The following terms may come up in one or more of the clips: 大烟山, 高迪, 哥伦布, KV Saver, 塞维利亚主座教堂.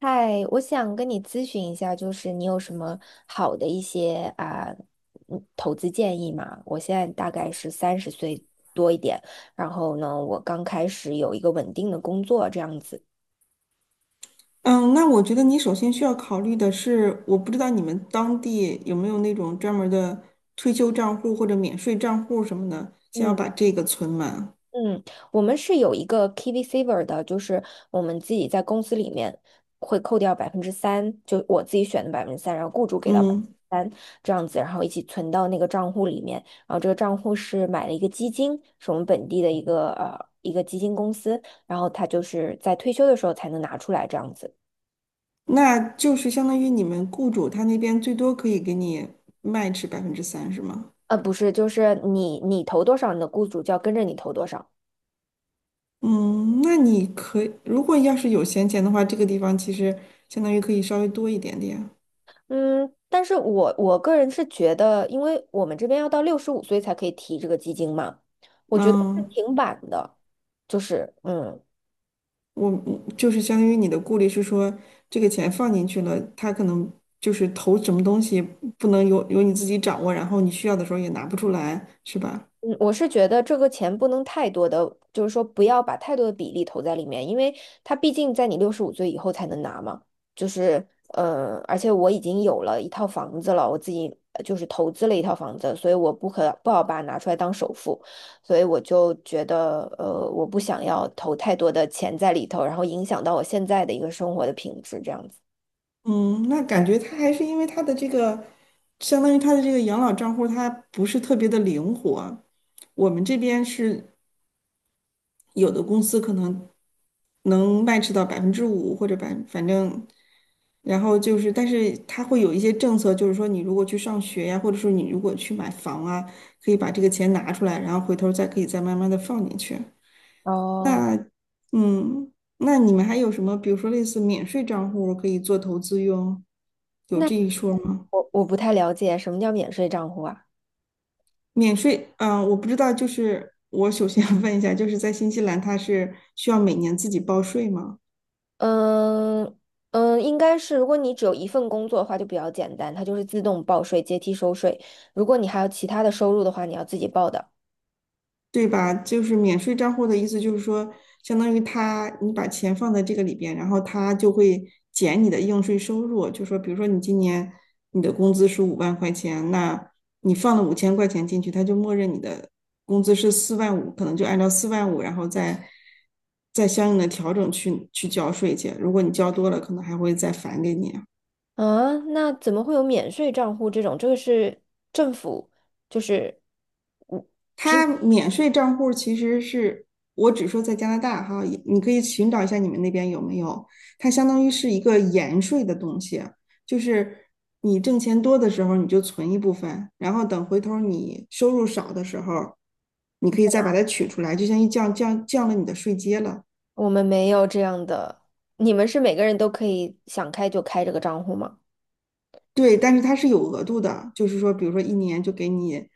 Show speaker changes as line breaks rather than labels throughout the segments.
嗨，我想跟你咨询一下，就是你有什么好的一些啊，投资建议吗？我现在大概是30岁多一点，然后呢，我刚开始有一个稳定的工作这样子。
嗯，那我觉得你首先需要考虑的是，我不知道你们当地有没有那种专门儿的退休账户或者免税账户什么的，先要
嗯。
把这个存满。
嗯，我们是有一个 KV Saver 的，就是我们自己在公司里面会扣掉百分之三，就我自己选的百分之三，然后雇主给到百
嗯，
分之三这样子，然后一起存到那个账户里面。然后这个账户是买了一个基金，是我们本地的一个基金公司，然后它就是在退休的时候才能拿出来这样子。
那就是相当于你们雇主他那边最多可以给你 match 3%，是吗？
不是，就是你投多少，你的雇主就要跟着你投多少。
嗯，那你可以，如果要是有闲钱的话，这个地方其实相当于可以稍微多一点点。
嗯，但是我个人是觉得，因为我们这边要到六十五岁才可以提这个基金嘛，我觉得是
嗯。
挺晚的，就是嗯。
我就是相当于你的顾虑是说，这个钱放进去了，他可能就是投什么东西不能由你自己掌握，然后你需要的时候也拿不出来，是吧？
嗯，我是觉得这个钱不能太多的，就是说不要把太多的比例投在里面，因为它毕竟在你六十五岁以后才能拿嘛。就是，而且我已经有了一套房子了，我自己就是投资了一套房子，所以我不好把它拿出来当首付，所以我就觉得，我不想要投太多的钱在里头，然后影响到我现在的一个生活的品质这样子。
嗯，那感觉他还是因为他的这个，相当于他的这个养老账户它不是特别的灵活。我们这边是有的公司可能能 match 到5%或者百，反正，然后就是，但是它会有一些政策，就是说你如果去上学呀，或者说你如果去买房啊，可以把这个钱拿出来，然后回头再可以再慢慢的放进去。
哦，
那，嗯，那你们还有什么，比如说类似免税账户可以做投资用，有
那
这一说吗？
我不太了解什么叫免税账户啊？
免税，我不知道，就是我首先 要问一下，就是在新西兰它是需要每年自己报税吗？
嗯嗯，应该是，如果你只有一份工作的话，就比较简单，它就是自动报税、阶梯收税。如果你还有其他的收入的话，你要自己报的。
对吧？就是免税账户的意思，就是说，相当于他你把钱放在这个里边，然后他就会减你的应税收入。就说，比如说你今年你的工资是50000块钱，那你放了5000块钱进去，他就默认你的工资是四万五，可能就按照四万五，然后再相应的调整去交税去。如果你交多了，可能还会再返给你啊。
啊，那怎么会有免税账户这种？这个是政府，就是
它免税账户其实是我只说在加拿大哈，也你可以寻找一下你们那边有没有。它相当于是一个延税的东西，就是你挣钱多的时候你就存一部分，然后等回头你收入少的时候，你可以再把它取出来，就相当于降了你的税阶了。
我们没有这样的。你们是每个人都可以想开就开这个账户吗？
对，但是它是有额度的，就是说，比如说一年就给你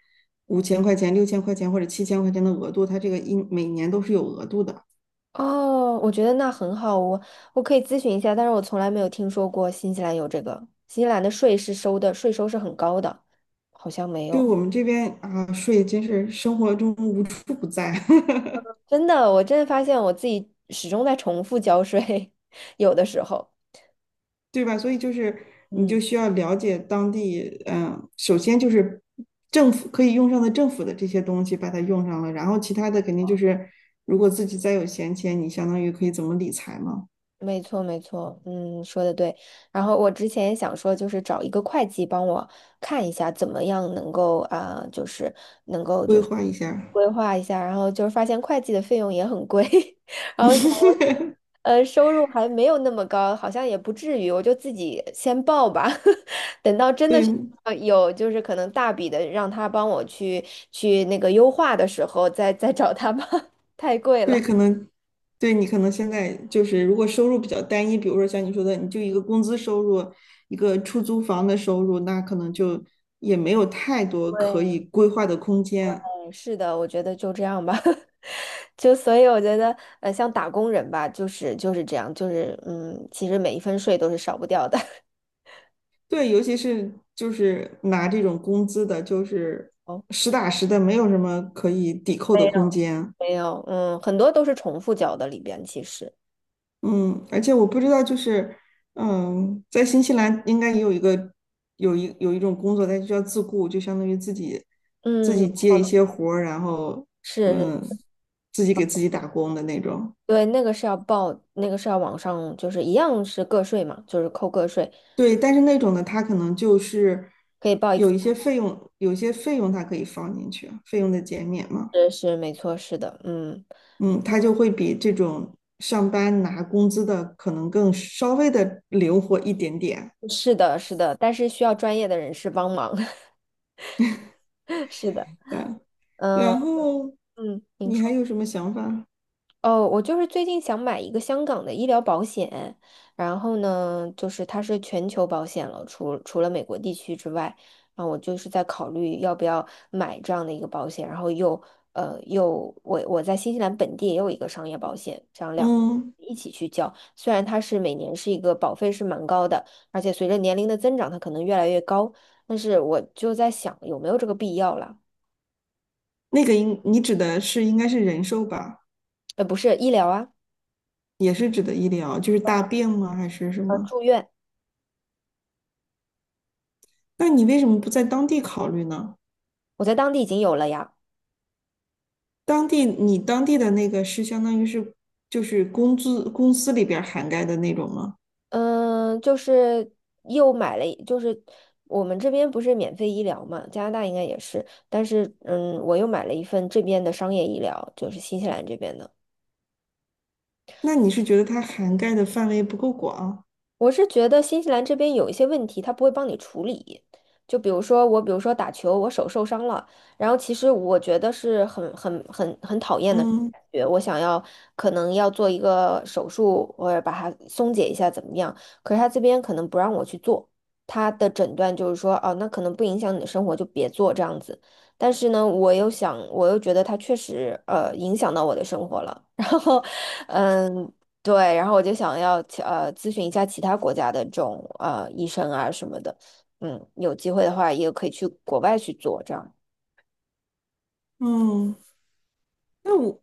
五千块钱、6000块钱或者7000块钱的额度，它这个一每年都是有额度的。
哦，我觉得那很好，我可以咨询一下，但是我从来没有听说过新西兰有这个。新西兰的税是收的，税收是很高的，好像没
对
有。
我们这边啊，税真是生活中无处不在，
真的，我真的发现我自己始终在重复交税，有的时候，
对吧？所以就是你
嗯，
就需要了解当地，嗯，首先就是政府可以用上的政府的这些东西把它用上了，然后其他的肯定就是如果自己再有闲钱，你相当于可以怎么理财嘛，
没错没错，嗯，说的对。然后我之前也想说，就是找一个会计帮我看一下，怎么样能够啊、就是
规划一下。
规划一下，然后就是发现会计的费用也很贵，然后想我现 在收入还没有那么高，好像也不至于，我就自己先报吧，等到真的
对，
是有就是可能大笔的让他帮我去那个优化的时候，再找他吧，太贵
对，可
了。
能对你可能现在就是，如果收入比较单一，比如说像你说的，你就一个工资收入，一个出租房的收入，那可能就也没有太多可以规划的空间。
对，是的，我觉得就这样吧，就所以我觉得，像打工人吧，就是这样，就是，其实每一分税都是少不掉的。
对，尤其是就是拿这种工资的，就是
哦，
实打实的，没有什么可以抵扣的空间。
没有，嗯，很多都是重复缴的里边，其实，
嗯，而且我不知道，就是，嗯，在新西兰应该也有一个有一种工作，它就叫自雇，就相当于自己
嗯，
接一些活儿，然后
是，
嗯，
是
自己给自己打工的那种。
对，那个是要报，那个是要往上，就是一样是个税嘛，就是扣个税，
对，但是那种的，他可能就是
可以报一，x
有一些费用它可以放进去，费用的减免嘛。
是没错，是的，嗯，
嗯，他就会比这种上班拿工资的可能更稍微的灵活一点点。
是的，是的，但是需要专业的人士帮忙，是的，
对，
嗯
然后
嗯，您
你还
说。
有什么想法？
哦，我就是最近想买一个香港的医疗保险，然后呢，就是它是全球保险了，除了美国地区之外，啊，我就是在考虑要不要买这样的一个保险，然后又我在新西兰本地也有一个商业保险，这样两
嗯，
一起去交，虽然它是每年是一个保费是蛮高的，而且随着年龄的增长，它可能越来越高，但是我就在想有没有这个必要了，
那个应你指的是应该是人寿吧，
不是医疗啊，
也是指的医疗，就是大病吗？还是什么？
住院，
那你为什么不在当地考虑呢？
我在当地已经有了呀。
当地你当地的那个是相当于是就是工资公司里边儿涵盖的那种吗？
嗯，就是又买了一就是我们这边不是免费医疗嘛，加拿大应该也是，但是我又买了一份这边的商业医疗，就是新西兰这边的。
那你是觉得它涵盖的范围不够广？
我是觉得新西兰这边有一些问题，他不会帮你处理。就比如说打球，我手受伤了，然后其实我觉得是很讨厌的感
嗯
觉，我想要可能要做一个手术，或者把它松解一下怎么样？可是他这边可能不让我去做，他的诊断就是说，哦，那可能不影响你的生活，就别做这样子。但是呢，我又想，我又觉得他确实影响到我的生活了，然后。嗯，对，然后我就想要咨询一下其他国家的这种医生啊什么的，嗯，有机会的话也可以去国外去做这样。
嗯。那我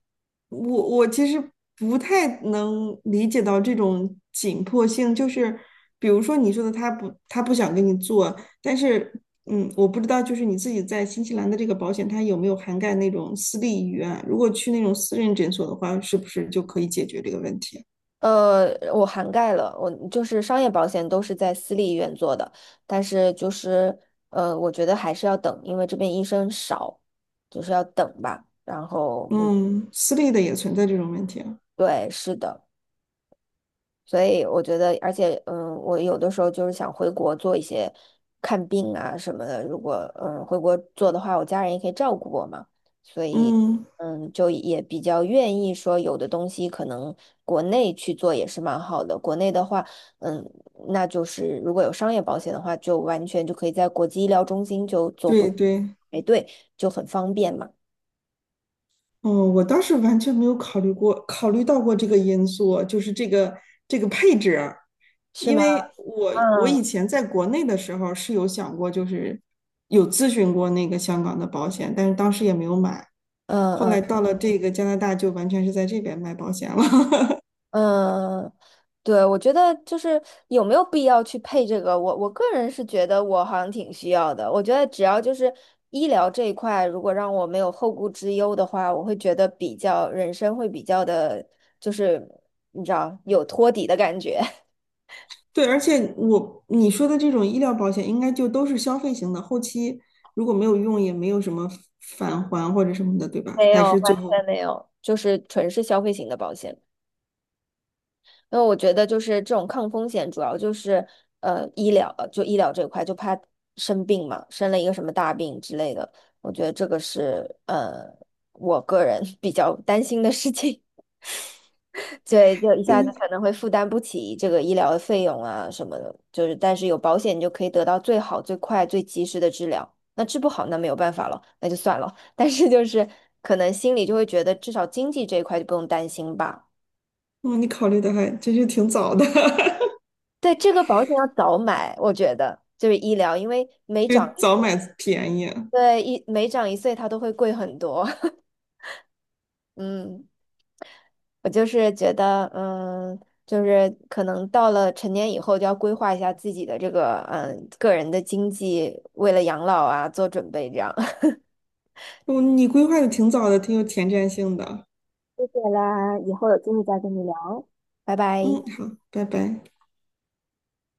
我我其实不太能理解到这种紧迫性，就是比如说你说的他不想跟你做，但是嗯，我不知道就是你自己在新西兰的这个保险，它有没有涵盖那种私立医院？如果去那种私人诊所的话，是不是就可以解决这个问题？
我涵盖了，我就是商业保险都是在私立医院做的，但是就是我觉得还是要等，因为这边医生少，就是要等吧。然后嗯，
嗯，私立的也存在这种问题啊。
对，是的。所以我觉得，而且，我有的时候就是想回国做一些看病啊什么的。如果回国做的话，我家人也可以照顾我嘛，所以
嗯，
就也比较愿意说，有的东西可能国内去做也是蛮好的。国内的话，嗯，那就是如果有商业保险的话，就完全就可以在国际医疗中心就做不
对对。
排对，就很方便嘛，
哦，我倒是完全没有考虑过，考虑过这个因素，就是这个配置。
是
因
吗？
为我
嗯
以前在国内的时候是有想过，就是有咨询过那个香港的保险，但是当时也没有买。
嗯
后来
嗯
到了这个加拿大，就完全是在这边卖保险了。
嗯。对，我觉得就是有没有必要去配这个，我个人是觉得我好像挺需要的。我觉得只要就是医疗这一块，如果让我没有后顾之忧的话，我会觉得比较人生会比较的，就是你知道有托底的感觉，
对，而且我你说的这种医疗保险，应该就都是消费型的，后期如果没有用，也没有什么返还或者什么的，对吧？
没
还
有，完
是最后，
全没有。就是纯是消费型的保险。因为我觉得就是这种抗风险，主要就是医疗，就医疗这块，就怕生病嘛，生了一个什么大病之类的，我觉得这个是我个人 比较担心的事情，对，就一下子
嗯，
可能会负担不起这个医疗的费用啊什么的，就是但是有保险，你就可以得到最好、最快、最及时的治疗。那治不好，那没有办法了，那就算了。但是就是可能心里就会觉得，至少经济这一块就不用担心吧。
哦，你考虑的还真是挺早的，
对，这个保险要早买，我觉得就是医疗，因为
就早买便宜。嗯，
每长一岁，它都会贵很多。嗯，我就是觉得，就是可能到了成年以后，就要规划一下自己的这个，个人的经济，为了养老啊做准备，这样。
哦你规划的挺早的，挺有前瞻性的。
谢谢啦，以后有机会再跟你聊，拜拜。
嗯，好，拜拜。